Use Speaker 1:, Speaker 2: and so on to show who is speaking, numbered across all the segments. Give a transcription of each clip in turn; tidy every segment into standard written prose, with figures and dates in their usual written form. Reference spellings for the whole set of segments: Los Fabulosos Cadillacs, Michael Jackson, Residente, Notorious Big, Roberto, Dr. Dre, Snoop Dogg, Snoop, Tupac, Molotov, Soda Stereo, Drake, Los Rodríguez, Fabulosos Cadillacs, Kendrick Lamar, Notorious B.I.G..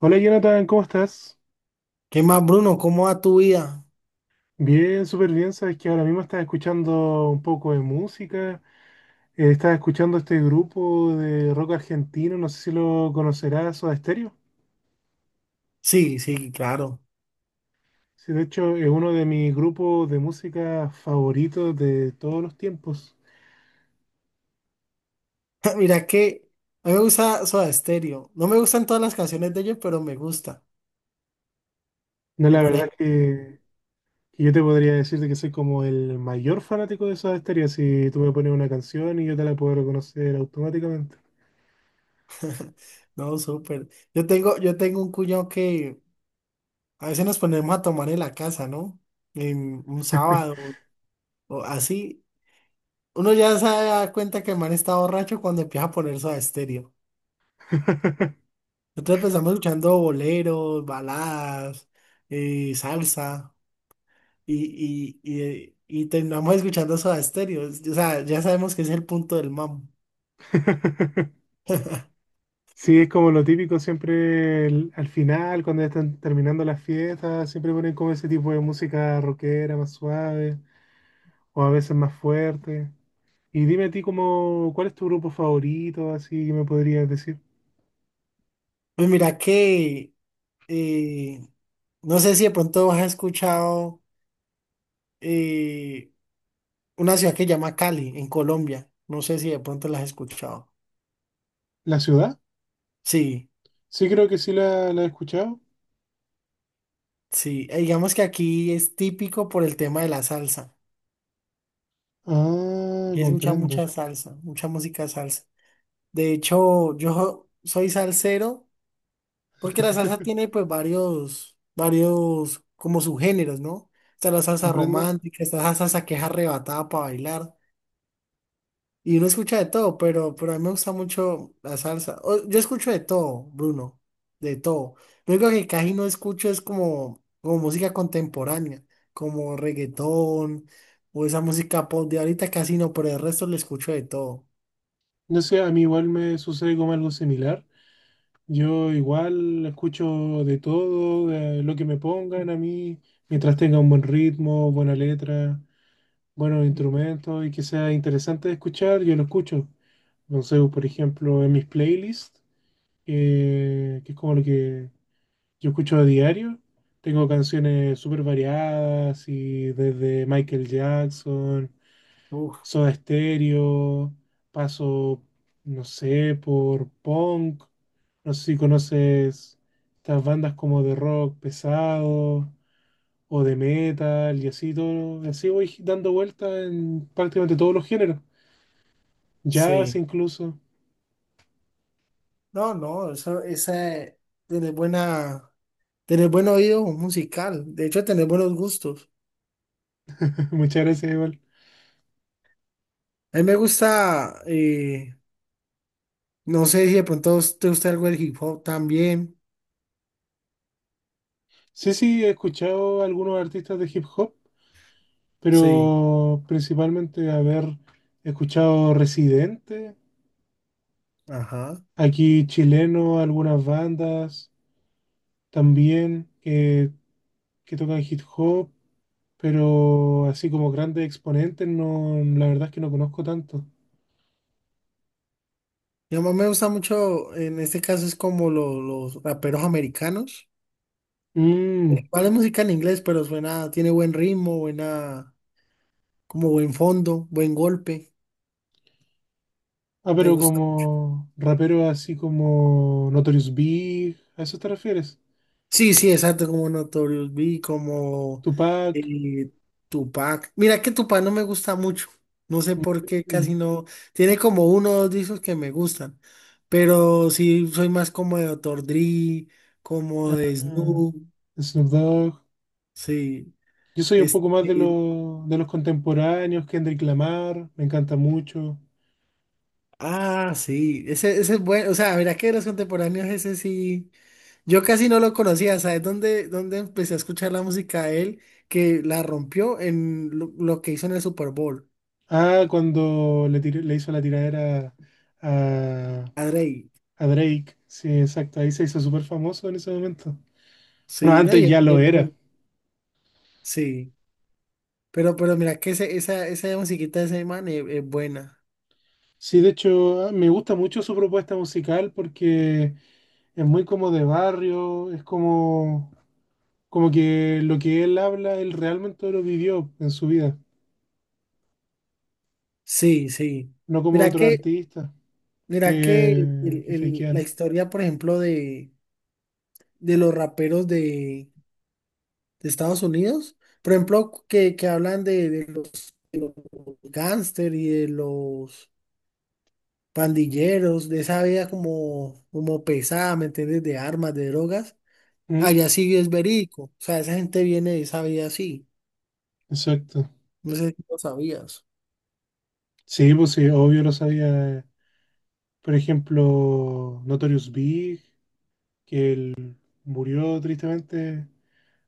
Speaker 1: Hola Jonathan, ¿cómo estás?
Speaker 2: ¿Qué más, Bruno? ¿Cómo va tu vida?
Speaker 1: Bien, súper bien. Sabes que ahora mismo estás escuchando un poco de música. Estás escuchando este grupo de rock argentino, no sé si lo conocerás, Soda Stereo.
Speaker 2: Sí, sí, claro.
Speaker 1: Sí, de hecho es uno de mis grupos de música favoritos de todos los tiempos.
Speaker 2: Mira que a mí me gusta Soda Stereo. No me gustan todas las canciones de ellos, pero me gusta.
Speaker 1: No,
Speaker 2: Me
Speaker 1: la verdad
Speaker 2: parece.
Speaker 1: es que yo te podría decir de que soy como el mayor fanático de Soda Stereo. Si tú me pones una canción y yo te la puedo reconocer automáticamente.
Speaker 2: No, súper. Yo tengo un cuñado que a veces nos ponemos a tomar en la casa, ¿no? En un sábado o así. Uno ya se da cuenta que el man está borracho cuando empieza a poner Soda Stereo. Nosotros empezamos escuchando boleros, baladas, salsa. Y terminamos escuchando Soda Stereo. O sea, ya sabemos que es el punto del mambo.
Speaker 1: Sí, es como lo típico siempre al final, cuando ya están terminando las fiestas, siempre ponen como ese tipo de música rockera más suave o a veces más fuerte. Y dime a ti como, ¿cuál es tu grupo favorito? Así que me podrías decir.
Speaker 2: Pues mira que eh, no sé si de pronto has escuchado eh, una ciudad que se llama Cali, en Colombia. No sé si de pronto la has escuchado.
Speaker 1: ¿La ciudad?
Speaker 2: Sí,
Speaker 1: Sí, creo que sí la he escuchado.
Speaker 2: sí. Digamos que aquí es típico por el tema de la salsa.
Speaker 1: Ah,
Speaker 2: Aquí se escucha
Speaker 1: comprendo.
Speaker 2: mucha salsa, mucha música salsa. De hecho, yo soy salsero. Porque la salsa tiene pues varios como subgéneros, ¿no? Está la salsa
Speaker 1: Comprendo.
Speaker 2: romántica, está la salsa que es arrebatada para bailar. Y uno escucha de todo, pero a mí me gusta mucho la salsa. O- Yo escucho de todo, Bruno, de todo. Lo único que casi no escucho es como música contemporánea, como reggaetón o esa música pop de ahorita casi no, pero el resto le escucho de todo.
Speaker 1: No sé, a mí igual me sucede como algo similar. Yo igual escucho de todo, de lo que me pongan a mí, mientras tenga un buen ritmo, buena letra, buenos instrumentos y que sea interesante de escuchar, yo lo escucho. No sé, por ejemplo, en mis playlists, que es como lo que yo escucho a diario, tengo canciones súper variadas y desde Michael Jackson.
Speaker 2: Uf,
Speaker 1: Soda Stereo, paso, no sé, por punk, no sé si conoces estas bandas como de rock pesado o de metal y así todo, así voy dando vueltas en prácticamente todos los géneros, jazz
Speaker 2: sí.
Speaker 1: incluso,
Speaker 2: No, eso, esa tiene buena. Tener buen oído musical, de hecho, tener buenos gustos.
Speaker 1: muchas gracias igual.
Speaker 2: A mí me gusta, no sé si de pronto te gusta algo del hip hop también.
Speaker 1: Sí, sí, he escuchado algunos artistas de hip hop,
Speaker 2: Sí,
Speaker 1: pero principalmente haber escuchado Residente,
Speaker 2: ajá.
Speaker 1: aquí chileno, algunas bandas. También que tocan hip hop, pero así como grandes exponentes, no, la verdad es que no conozco tanto.
Speaker 2: Y a mí me gusta mucho, en este caso es como lo- los raperos americanos.
Speaker 1: Mm.
Speaker 2: Vale música en inglés, pero suena, tiene buen ritmo, buena, como buen fondo, buen golpe.
Speaker 1: Ah,
Speaker 2: Me
Speaker 1: pero
Speaker 2: gusta.
Speaker 1: como raperos así como Notorious Big, ¿a eso te refieres?
Speaker 2: Sí, sí, exacto, como Notorious B, I G, como
Speaker 1: Tupac,
Speaker 2: eh, Tupac. Mira que Tupac no me gusta mucho. No sé por qué, casi
Speaker 1: mm,
Speaker 2: no. Tiene como uno o dos discos que me gustan. Pero sí, soy más como de Dr. Dre, como de
Speaker 1: ah,
Speaker 2: Snoop.
Speaker 1: Snoop Dogg.
Speaker 2: Sí.
Speaker 1: Yo soy un poco
Speaker 2: Este,
Speaker 1: más de los de los contemporáneos, Kendrick Lamar, me encanta mucho.
Speaker 2: ah, sí. Ese es bueno. O sea, mira que de los contemporáneos, ese sí. Yo casi no lo conocía. ¿Sabes dónde empecé a escuchar la música de él? Que la rompió en lo que hizo en el Super Bowl.
Speaker 1: Ah, cuando le, le hizo la tiradera a,
Speaker 2: A Drake.
Speaker 1: A Drake, sí, exacto, ahí se hizo súper famoso en ese momento. Bueno,
Speaker 2: Sí, no,
Speaker 1: antes ya
Speaker 2: y
Speaker 1: lo
Speaker 2: es
Speaker 1: era.
Speaker 2: bueno. Sí. Pero mira que ese- esa musiquita de ese man es buena.
Speaker 1: Sí, de hecho, me gusta mucho su propuesta musical porque es muy como de barrio, es como, como que lo que él habla, él realmente lo vivió en su vida,
Speaker 2: Sí, sí.
Speaker 1: no como
Speaker 2: Mira
Speaker 1: otros
Speaker 2: que,
Speaker 1: artistas
Speaker 2: mira que
Speaker 1: que
Speaker 2: el- la
Speaker 1: fakean.
Speaker 2: historia, por ejemplo, de los raperos de Estados Unidos, por ejemplo, que hablan de los gángster y de los pandilleros, de esa vida como, como pesada, ¿me entiendes? De armas, de drogas.
Speaker 1: Mm.
Speaker 2: Allá sí es verídico. O sea, esa gente viene de esa vida así.
Speaker 1: Exacto.
Speaker 2: No sé si lo sabías.
Speaker 1: Sí, pues sí, obvio lo sabía. Por ejemplo, Notorious Big, que él murió tristemente.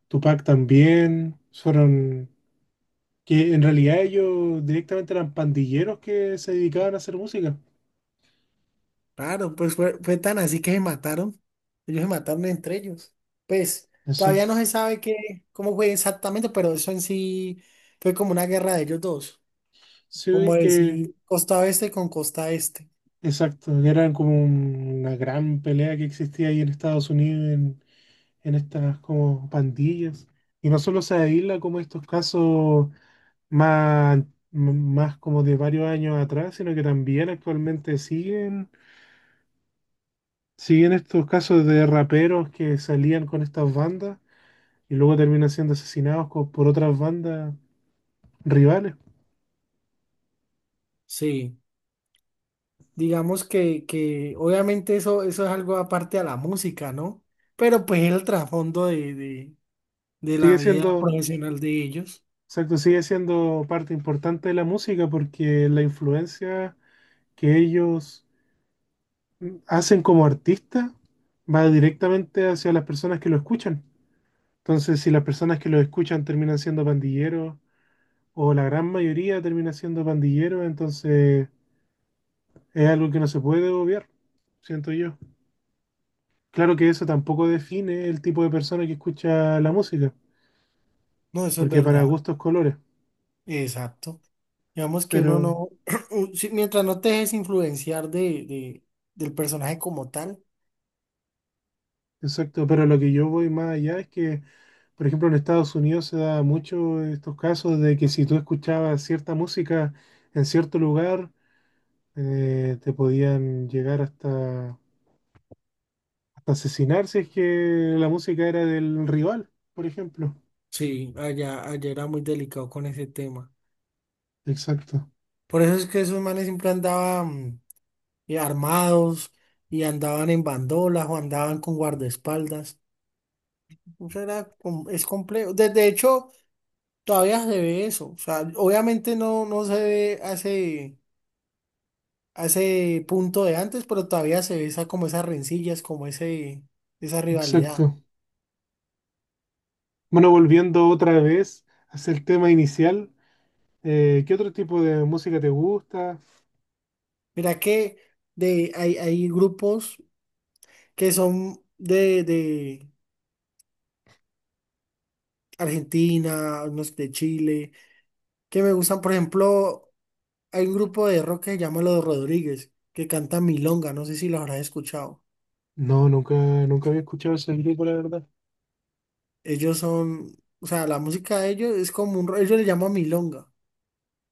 Speaker 1: Tupac también fueron, que en realidad ellos directamente eran pandilleros que se dedicaban a hacer música.
Speaker 2: Claro, pues fue, fue tan así que se mataron. Ellos se mataron entre ellos. Pues todavía
Speaker 1: Exacto.
Speaker 2: no se sabe qué, cómo fue exactamente, pero eso en sí fue como una guerra de ellos dos. Como
Speaker 1: Sí, que,
Speaker 2: decir costa oeste con costa este.
Speaker 1: exacto, eran como una gran pelea que existía ahí en Estados Unidos, en estas como pandillas. Y no solo se aísla como estos casos más, más como de varios años atrás, sino que también actualmente siguen estos casos de raperos que salían con estas bandas y luego terminan siendo asesinados por otras bandas rivales.
Speaker 2: Sí. Digamos que obviamente eso, eso es algo aparte a la música, ¿no? Pero pues el trasfondo de
Speaker 1: Sigue
Speaker 2: la vida
Speaker 1: siendo,
Speaker 2: profesional de ellos.
Speaker 1: exacto, sigue siendo parte importante de la música porque la influencia que ellos hacen como artistas va directamente hacia las personas que lo escuchan. Entonces, si las personas que lo escuchan terminan siendo pandilleros, o la gran mayoría termina siendo pandilleros, entonces es algo que no se puede obviar, siento yo. Claro que eso tampoco define el tipo de persona que escucha la música.
Speaker 2: No, eso es
Speaker 1: Porque para
Speaker 2: verdad.
Speaker 1: gustos colores.
Speaker 2: Exacto. Digamos que uno
Speaker 1: Pero,
Speaker 2: no, u- si- mientras no te dejes influenciar de- del personaje como tal.
Speaker 1: exacto, pero lo que yo voy más allá es que, por ejemplo, en Estados Unidos se da mucho estos casos de que si tú escuchabas cierta música en cierto lugar, te podían llegar hasta asesinar si es que la música era del rival, por ejemplo.
Speaker 2: Sí, allá era muy delicado con ese tema.
Speaker 1: Exacto,
Speaker 2: Por eso es que esos manes siempre andaban armados y andaban en bandolas o andaban con guardaespaldas. Eso era, com- es complejo. De hecho, todavía se ve eso. O sea, obviamente no, no se ve hace punto de antes, pero todavía se ve esa, como esas rencillas, como ese, esa rivalidad.
Speaker 1: exacto. Bueno, volviendo otra vez hacia el tema inicial, ¿qué otro tipo de música te gusta?
Speaker 2: Mira que de, hay grupos que son de Argentina, unos de Chile, que me gustan. Por ejemplo, hay un grupo de rock que se llama Los Rodríguez, que canta Milonga, no sé si los habrás escuchado.
Speaker 1: No, nunca, nunca había escuchado ese grupo, la verdad.
Speaker 2: Ellos son, o sea, la música de ellos es como un, ro- ellos le llaman Milonga,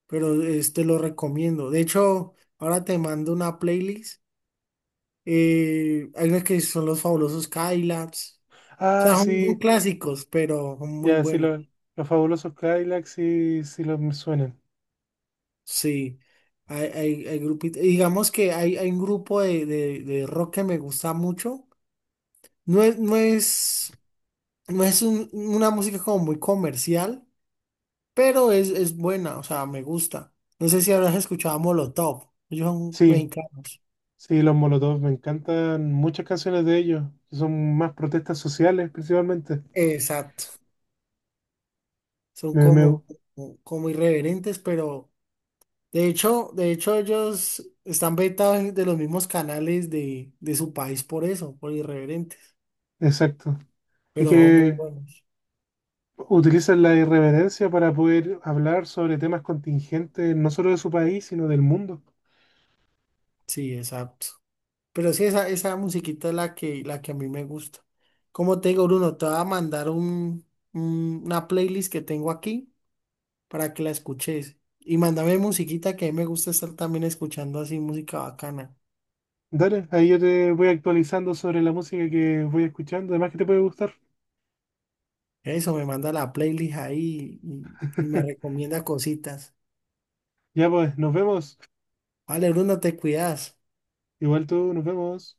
Speaker 2: pero este lo recomiendo. De hecho, ahora te mando una playlist. Hay unas que son los fabulosos Cadillacs. O
Speaker 1: Ah,
Speaker 2: sea, son son
Speaker 1: sí.
Speaker 2: clásicos, pero son muy
Speaker 1: Ya, sí,
Speaker 2: buenos.
Speaker 1: los fabulosos Cadillacs sí, sí los me suenan.
Speaker 2: Sí, hay grupitos. Digamos que hay un grupo de rock que me gusta mucho. No es, no es, no es un- una música como muy comercial, pero es buena, o sea, me gusta. No sé si habrás escuchado a Molotov. Ellos son
Speaker 1: Sí,
Speaker 2: mexicanos.
Speaker 1: sí, los Molotov, me encantan muchas canciones de ellos, que son más protestas sociales principalmente.
Speaker 2: Exacto. Son
Speaker 1: Me, me-
Speaker 2: como, como, como irreverentes, pero ellos están vetados de los mismos canales de su país por eso, por irreverentes.
Speaker 1: exacto. Es
Speaker 2: Pero son muy
Speaker 1: que
Speaker 2: buenos.
Speaker 1: utilizan la irreverencia para poder hablar sobre temas contingentes, no solo de su país, sino del mundo.
Speaker 2: Sí, exacto. Pero sí, esa musiquita es la que a mí me gusta. Como te digo, Bruno, te voy a mandar un- una playlist que tengo aquí para que la escuches. Y mándame musiquita que a mí me gusta estar también escuchando así música bacana.
Speaker 1: Dale, ahí yo te voy actualizando sobre la música que voy escuchando, además que te puede gustar.
Speaker 2: Eso, me manda la playlist ahí y me recomienda cositas.
Speaker 1: Ya pues, nos vemos.
Speaker 2: Vale, Bruno, te cuidas.
Speaker 1: Igual tú, nos vemos.